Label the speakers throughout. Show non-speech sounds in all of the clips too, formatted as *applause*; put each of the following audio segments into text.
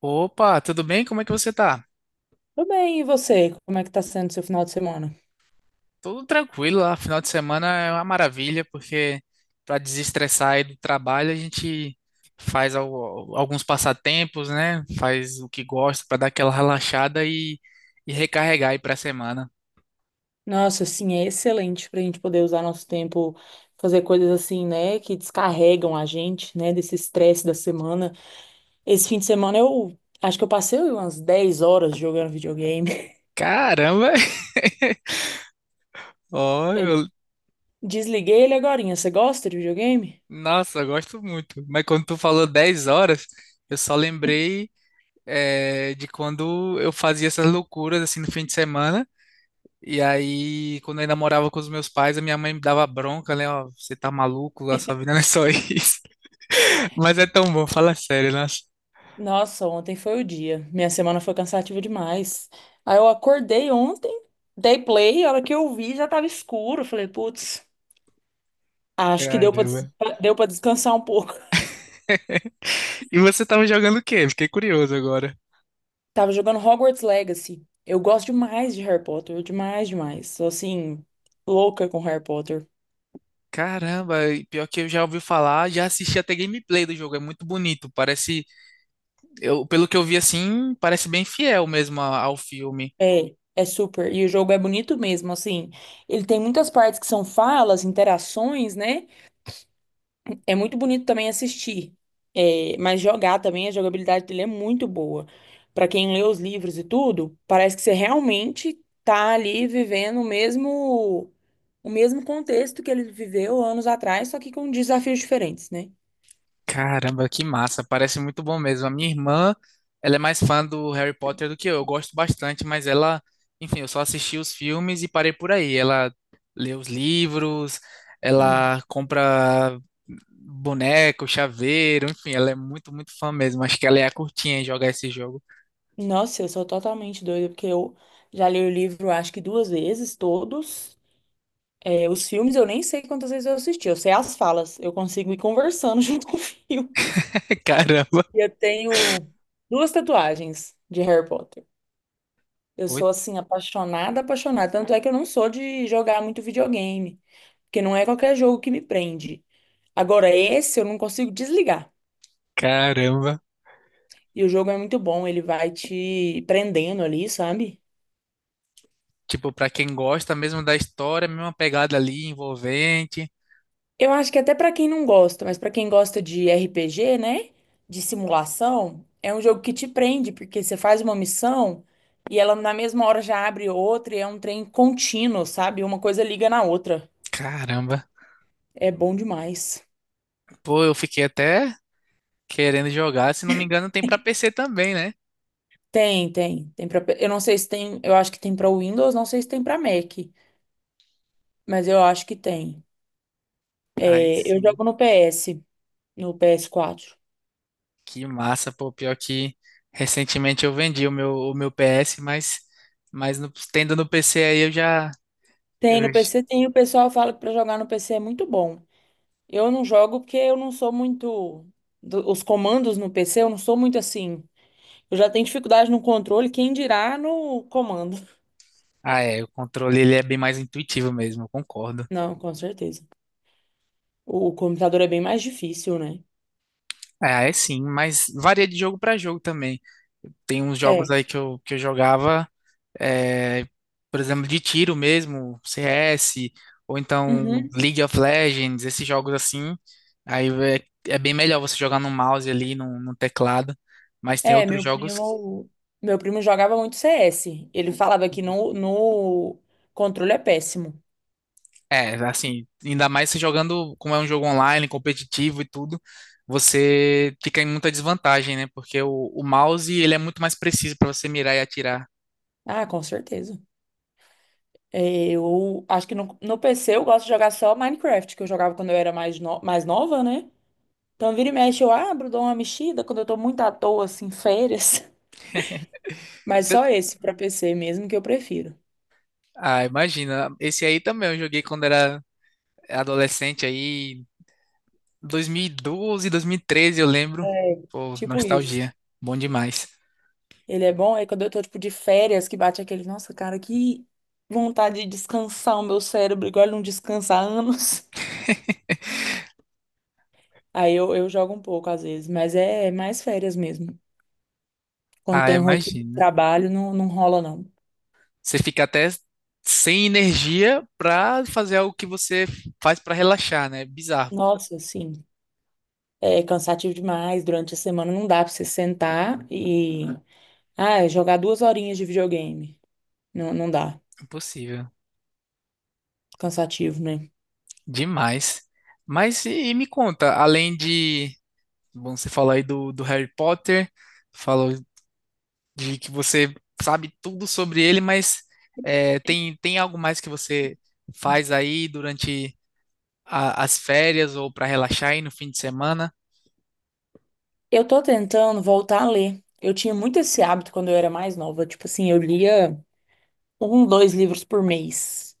Speaker 1: Opa, tudo bem? Como é que você tá?
Speaker 2: Tudo bem, e você? Como é que tá sendo seu final de semana?
Speaker 1: Tudo tranquilo lá. Final de semana é uma maravilha, porque para desestressar aí do trabalho, a gente faz alguns passatempos, né? Faz o que gosta para dar aquela relaxada e recarregar aí pra semana.
Speaker 2: Nossa, assim, é excelente pra gente poder usar nosso tempo, fazer coisas assim, né, que descarregam a gente, né, desse estresse da semana. Esse fim de semana eu acho que eu passei umas 10 horas jogando videogame.
Speaker 1: Caramba! *laughs* Ó,
Speaker 2: *laughs* Eu
Speaker 1: eu-
Speaker 2: desliguei ele agorinha. Você gosta de videogame?
Speaker 1: nossa, eu gosto muito. Mas quando tu falou 10 horas, eu só lembrei, de quando eu fazia essas loucuras assim no fim de semana. E aí, quando eu ainda morava com os meus pais, a minha mãe me dava bronca, né? Ó, você tá maluco, a sua vida não é só isso. *laughs* Mas é tão bom, fala sério, nossa.
Speaker 2: Nossa, ontem foi o dia. Minha semana foi cansativa demais. Aí eu acordei ontem, dei play, a hora que eu vi já tava escuro. Falei, putz, acho que
Speaker 1: Caramba.
Speaker 2: deu pra descansar um pouco.
Speaker 1: E você tava jogando o quê? Fiquei curioso agora.
Speaker 2: Tava jogando Hogwarts Legacy. Eu gosto demais de Harry Potter, demais, demais. Sou assim, louca com Harry Potter.
Speaker 1: Caramba, e pior que eu já ouvi falar, já assisti até gameplay do jogo, é muito bonito. Parece, eu, pelo que eu vi assim, parece bem fiel mesmo ao filme.
Speaker 2: É, é super. E o jogo é bonito mesmo, assim. Ele tem muitas partes que são falas, interações, né? É muito bonito também assistir. É, mas jogar também, a jogabilidade dele é muito boa. Pra quem lê os livros e tudo, parece que você realmente tá ali vivendo o mesmo contexto que ele viveu anos atrás, só que com desafios diferentes, né?
Speaker 1: Caramba, que massa, parece muito bom mesmo. A minha irmã, ela é mais fã do Harry Potter do que eu. Eu gosto bastante, mas ela, enfim, eu só assisti os filmes e parei por aí. Ela lê os livros, ela compra boneco, chaveiro, enfim, ela é muito, muito fã mesmo. Acho que ela é a curtinha em jogar esse jogo.
Speaker 2: Nossa, eu sou totalmente doida, porque eu já li o livro acho que duas vezes, todos. É, os filmes eu nem sei quantas vezes eu assisti, eu sei as falas, eu consigo ir conversando *laughs* junto com o filme.
Speaker 1: *laughs* Caramba.
Speaker 2: E eu tenho duas tatuagens de Harry Potter. Eu
Speaker 1: Oi,
Speaker 2: sou, assim, apaixonada, apaixonada. Tanto é que eu não sou de jogar muito videogame, porque não é qualquer jogo que me prende. Agora, esse eu não consigo desligar.
Speaker 1: caramba.
Speaker 2: E o jogo é muito bom, ele vai te prendendo ali, sabe?
Speaker 1: Tipo, pra quem gosta mesmo da história, mesma pegada ali envolvente.
Speaker 2: Eu acho que até pra quem não gosta, mas pra quem gosta de RPG, né? De simulação, é um jogo que te prende, porque você faz uma missão e ela na mesma hora já abre outra e é um trem contínuo, sabe? Uma coisa liga na outra.
Speaker 1: Caramba.
Speaker 2: É bom demais.
Speaker 1: Pô, eu fiquei até querendo jogar. Se não me engano, tem pra PC também, né?
Speaker 2: Tem, tem, tem para, eu não sei se tem, eu acho que tem pra Windows, não sei se tem pra Mac, mas eu acho que tem.
Speaker 1: Aí
Speaker 2: É, eu
Speaker 1: sim.
Speaker 2: jogo no PS, no PS4.
Speaker 1: Que massa, pô. Pior que recentemente eu vendi o meu PS, mas, tendo no PC aí eu já.
Speaker 2: Tem no
Speaker 1: eu-
Speaker 2: PC, tem, o pessoal fala que pra jogar no PC é muito bom. Eu não jogo porque eu não sou muito. Os comandos no PC, eu não sou muito assim. Eu já tenho dificuldade no controle, quem dirá no comando. *laughs*
Speaker 1: ah, é. O controle ele é bem mais intuitivo mesmo, eu concordo.
Speaker 2: Não, com certeza. O computador é bem mais difícil, né?
Speaker 1: É, é sim, mas varia de jogo pra jogo também. Tem uns jogos
Speaker 2: É.
Speaker 1: aí que eu jogava. É, por exemplo, de tiro mesmo, CS, ou então
Speaker 2: Uhum.
Speaker 1: League of Legends, esses jogos assim. Aí é, é bem melhor você jogar no mouse ali, no teclado. Mas tem
Speaker 2: É,
Speaker 1: outros
Speaker 2: meu
Speaker 1: jogos.
Speaker 2: primo. Meu primo jogava muito CS. Ele falava que no controle é péssimo.
Speaker 1: É, assim, ainda mais você jogando, como é um jogo online, competitivo e tudo, você fica em muita desvantagem, né? Porque o mouse, ele é muito mais preciso para você mirar e atirar.
Speaker 2: Ah, com certeza. É, eu acho que no PC eu gosto de jogar só Minecraft, que eu jogava quando eu era mais, no- mais nova, né? Então, vira e mexe, eu abro, dou uma mexida quando eu tô muito à toa, assim, férias. *laughs* Mas só
Speaker 1: Eu-
Speaker 2: esse pra PC mesmo que eu prefiro.
Speaker 1: Ah, imagina. Esse aí também eu joguei quando era adolescente aí, 2012, 2013, eu lembro.
Speaker 2: É.
Speaker 1: Pô,
Speaker 2: Tipo isso.
Speaker 1: nostalgia. Bom demais.
Speaker 2: Ele é bom, aí quando eu tô, tipo, de férias, que bate aquele, nossa, cara, que vontade de descansar o meu cérebro, igual ele não descansa há anos. *laughs* Aí eu jogo um pouco, às vezes, mas é mais férias mesmo. Quando tô
Speaker 1: Ah,
Speaker 2: em rotina de
Speaker 1: imagina.
Speaker 2: trabalho, não, não rola, não.
Speaker 1: Você fica até sem energia pra fazer algo que você faz pra relaxar, né? Bizarro.
Speaker 2: Nossa, assim, é cansativo demais, durante a semana não dá pra você sentar e, ah, jogar duas horinhas de videogame. Não, não dá.
Speaker 1: Impossível.
Speaker 2: Cansativo, né?
Speaker 1: Demais. Mas me conta, além de. Bom, você falou aí do Harry Potter, falou de que você sabe tudo sobre ele, mas é, tem, tem algo mais que você faz aí durante as férias ou para relaxar aí no fim de semana?
Speaker 2: Eu tô tentando voltar a ler. Eu tinha muito esse hábito quando eu era mais nova. Tipo assim, eu lia um, dois livros por mês.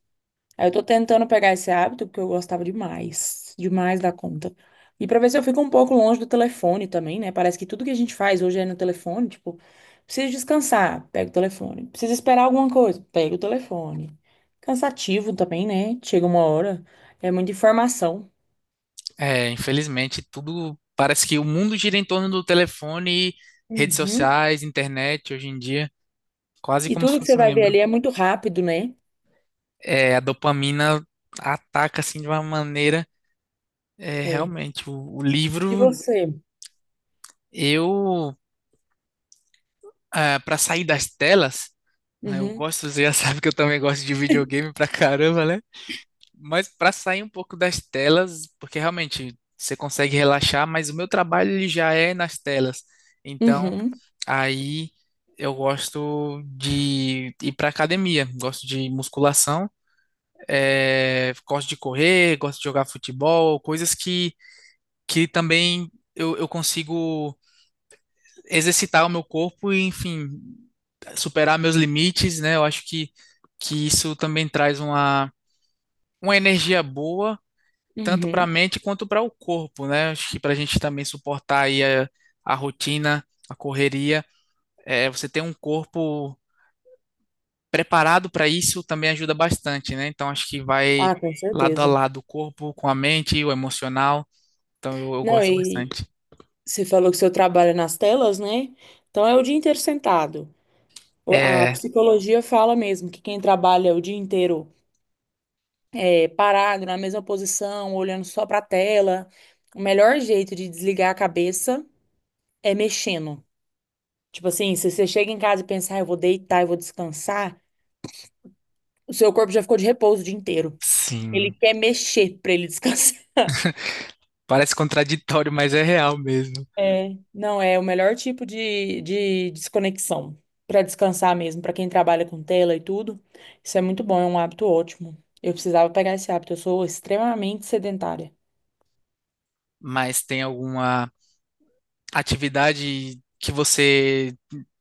Speaker 2: Aí eu tô tentando pegar esse hábito porque eu gostava demais, demais da conta. E pra ver se eu fico um pouco longe do telefone também, né? Parece que tudo que a gente faz hoje é no telefone. Tipo, preciso descansar, pega o telefone. Preciso esperar alguma coisa, pega o telefone. Cansativo também, né? Chega uma hora, é muita informação.
Speaker 1: É, infelizmente, tudo parece que o mundo gira em torno do telefone, redes
Speaker 2: Uhum.
Speaker 1: sociais, internet hoje em dia, quase
Speaker 2: E
Speaker 1: como se
Speaker 2: tudo que você
Speaker 1: fosse um
Speaker 2: vai ver
Speaker 1: membro.
Speaker 2: ali é muito rápido, né?
Speaker 1: É, a dopamina ataca assim de uma maneira, é,
Speaker 2: É.
Speaker 1: realmente. O
Speaker 2: E
Speaker 1: livro,
Speaker 2: você?
Speaker 1: eu, para sair das telas, né, eu
Speaker 2: Uhum,
Speaker 1: gosto, você já *laughs* sabe que eu também gosto de videogame pra caramba, né? Mas para sair um pouco das telas, porque realmente você consegue relaxar, mas o meu trabalho ele já é nas telas. Então,
Speaker 2: uhum,
Speaker 1: aí eu gosto de ir para academia, gosto de musculação, gosto de correr, gosto de jogar futebol, coisas que também eu consigo exercitar o meu corpo e, enfim, superar meus limites, né? Eu acho que isso também traz uma energia boa, tanto para a
Speaker 2: uhum.
Speaker 1: mente quanto para o corpo, né? Acho que para a gente também suportar aí a rotina, a correria, é, você ter um corpo preparado para isso também ajuda bastante, né? Então acho que vai
Speaker 2: Ah, com
Speaker 1: lado a
Speaker 2: certeza.
Speaker 1: lado o corpo com a mente, o emocional. Então eu
Speaker 2: Não,
Speaker 1: gosto
Speaker 2: e
Speaker 1: bastante.
Speaker 2: você falou que seu trabalho é nas telas, né? Então é o dia inteiro sentado. A
Speaker 1: É,
Speaker 2: psicologia fala mesmo que quem trabalha o dia inteiro é, parado, na mesma posição, olhando só para a tela, o melhor jeito de desligar a cabeça é mexendo. Tipo assim, se você chega em casa e pensar, "Ah, eu vou deitar, eu vou descansar, o seu corpo já ficou de repouso o dia inteiro. Ele
Speaker 1: sim.
Speaker 2: quer mexer para ele descansar. *laughs*
Speaker 1: Parece contraditório, mas é real mesmo.
Speaker 2: É, não, é o melhor tipo de desconexão. Para descansar mesmo, para quem trabalha com tela e tudo. Isso é muito bom, é um hábito ótimo. Eu precisava pegar esse hábito, eu sou extremamente sedentária.
Speaker 1: Mas tem alguma atividade que você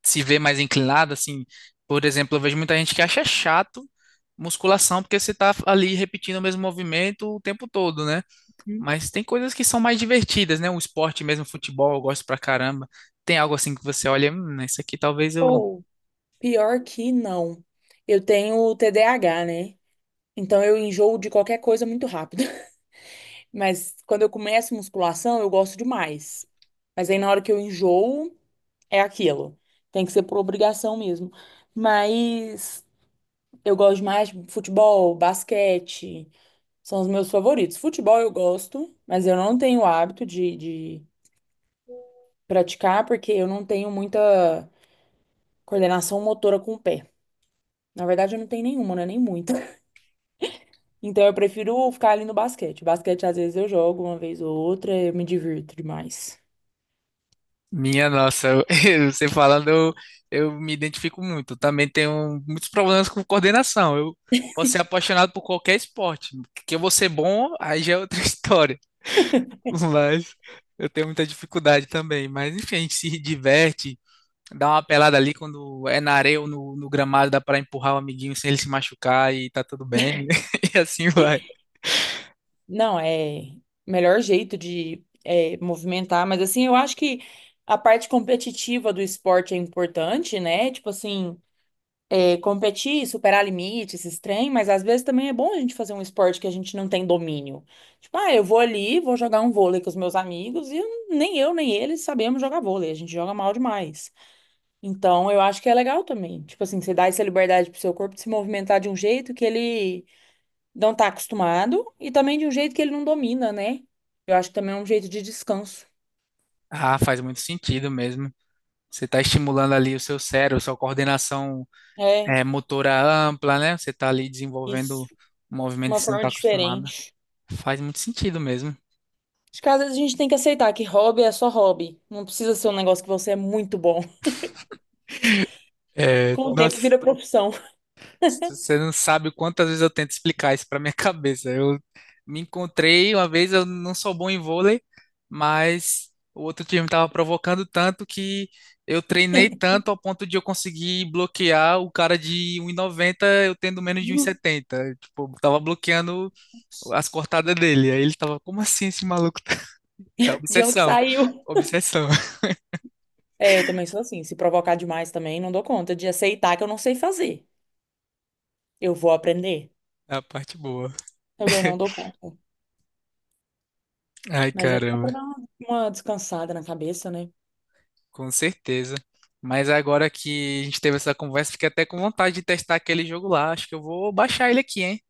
Speaker 1: se vê mais inclinado, assim? Por exemplo, eu vejo muita gente que acha chato musculação porque você tá ali repetindo o mesmo movimento o tempo todo, né?
Speaker 2: Hum.
Speaker 1: Mas tem coisas que são mais divertidas, né? O esporte mesmo, futebol, eu gosto pra caramba. Tem algo assim que você olha, isso aqui talvez eu.
Speaker 2: Ou, pior que não. Eu tenho TDAH, né? Então eu enjoo de qualquer coisa muito rápido. *laughs* Mas quando eu começo musculação, eu gosto demais. Mas aí na hora que eu enjoo, é aquilo. Tem que ser por obrigação mesmo. Mas eu gosto mais de futebol, basquete, são os meus favoritos. Futebol eu gosto, mas eu não tenho o hábito de praticar porque eu não tenho muita coordenação motora com o pé. Na verdade, eu não tenho nenhuma, né? Nem muita. *laughs* Então eu prefiro ficar ali no basquete. Basquete, às vezes, eu jogo uma vez ou outra, eu me divirto demais.
Speaker 1: Minha nossa, *laughs* você falando, eu me identifico muito. Também tenho muitos problemas com coordenação. Eu posso ser apaixonado por qualquer esporte. Que eu vou ser bom, aí já é outra *laughs* história. Mas eu tenho muita dificuldade também. Mas enfim, a gente se diverte, dá uma pelada ali quando é na areia ou no gramado, dá pra empurrar o amiguinho sem ele se machucar e tá tudo bem. *laughs* E assim vai.
Speaker 2: Não, é o melhor jeito de é, movimentar, mas assim, eu acho que a parte competitiva do esporte é importante, né? Tipo assim. E competir, superar limites, esses trem, mas às vezes também é bom a gente fazer um esporte que a gente não tem domínio. Tipo, ah, eu vou ali, vou jogar um vôlei com os meus amigos e nem eu nem eles sabemos jogar vôlei, a gente joga mal demais. Então, eu acho que é legal também. Tipo assim, você dá essa liberdade pro seu corpo de se movimentar de um jeito que ele não tá acostumado e também de um jeito que ele não domina, né? Eu acho que também é um jeito de descanso.
Speaker 1: Ah, faz muito sentido mesmo. Você está estimulando ali o seu cérebro, sua coordenação
Speaker 2: É,
Speaker 1: é, motora ampla, né? Você está ali desenvolvendo
Speaker 2: isso.
Speaker 1: um movimento
Speaker 2: Uma
Speaker 1: que você não
Speaker 2: forma
Speaker 1: está acostumado.
Speaker 2: diferente.
Speaker 1: Faz muito sentido mesmo.
Speaker 2: Acho que às vezes a gente tem que aceitar que hobby é só hobby. Não precisa ser um negócio que você é muito bom. *laughs*
Speaker 1: É,
Speaker 2: Com o tempo
Speaker 1: nossa,
Speaker 2: vira profissão.
Speaker 1: você não sabe quantas vezes eu tento explicar isso para minha *laughs* cabeça. Eu me encontrei uma vez, eu não sou bom em vôlei, mas o outro time estava provocando tanto que eu treinei tanto ao ponto de eu conseguir bloquear o cara de 1,90, eu tendo menos de
Speaker 2: *laughs*
Speaker 1: 1,70. Tipo, eu tava bloqueando as cortadas dele. Aí ele tava, como assim esse maluco? *laughs* É
Speaker 2: De onde
Speaker 1: obsessão,
Speaker 2: saiu?
Speaker 1: obsessão. *laughs*
Speaker 2: É, eu também sou assim. Se provocar demais também, não dou conta de aceitar que eu não sei fazer. Eu vou aprender.
Speaker 1: É a parte boa.
Speaker 2: Também não dou conta.
Speaker 1: Ai,
Speaker 2: Mas é bom
Speaker 1: caramba.
Speaker 2: pra dar uma descansada na cabeça, né?
Speaker 1: Com certeza. Mas agora que a gente teve essa conversa, fiquei até com vontade de testar aquele jogo lá. Acho que eu vou baixar ele aqui, hein?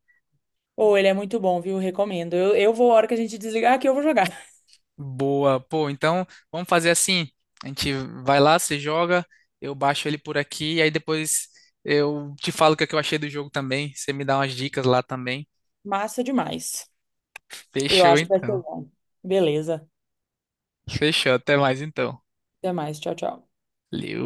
Speaker 2: Ou ele é muito bom, viu? Recomendo. Eu vou, a hora que a gente desligar aqui, eu vou jogar. *laughs*
Speaker 1: Boa. Pô, então vamos fazer assim. A gente vai lá, você joga, eu baixo ele por aqui, e aí depois eu te falo o que é que eu achei do jogo também. Você me dá umas dicas lá também.
Speaker 2: Massa demais. Eu
Speaker 1: Fechou
Speaker 2: acho que vai ser
Speaker 1: então.
Speaker 2: bom. Beleza.
Speaker 1: Fechou. Até mais então.
Speaker 2: Até mais. Tchau, tchau.
Speaker 1: Valeu.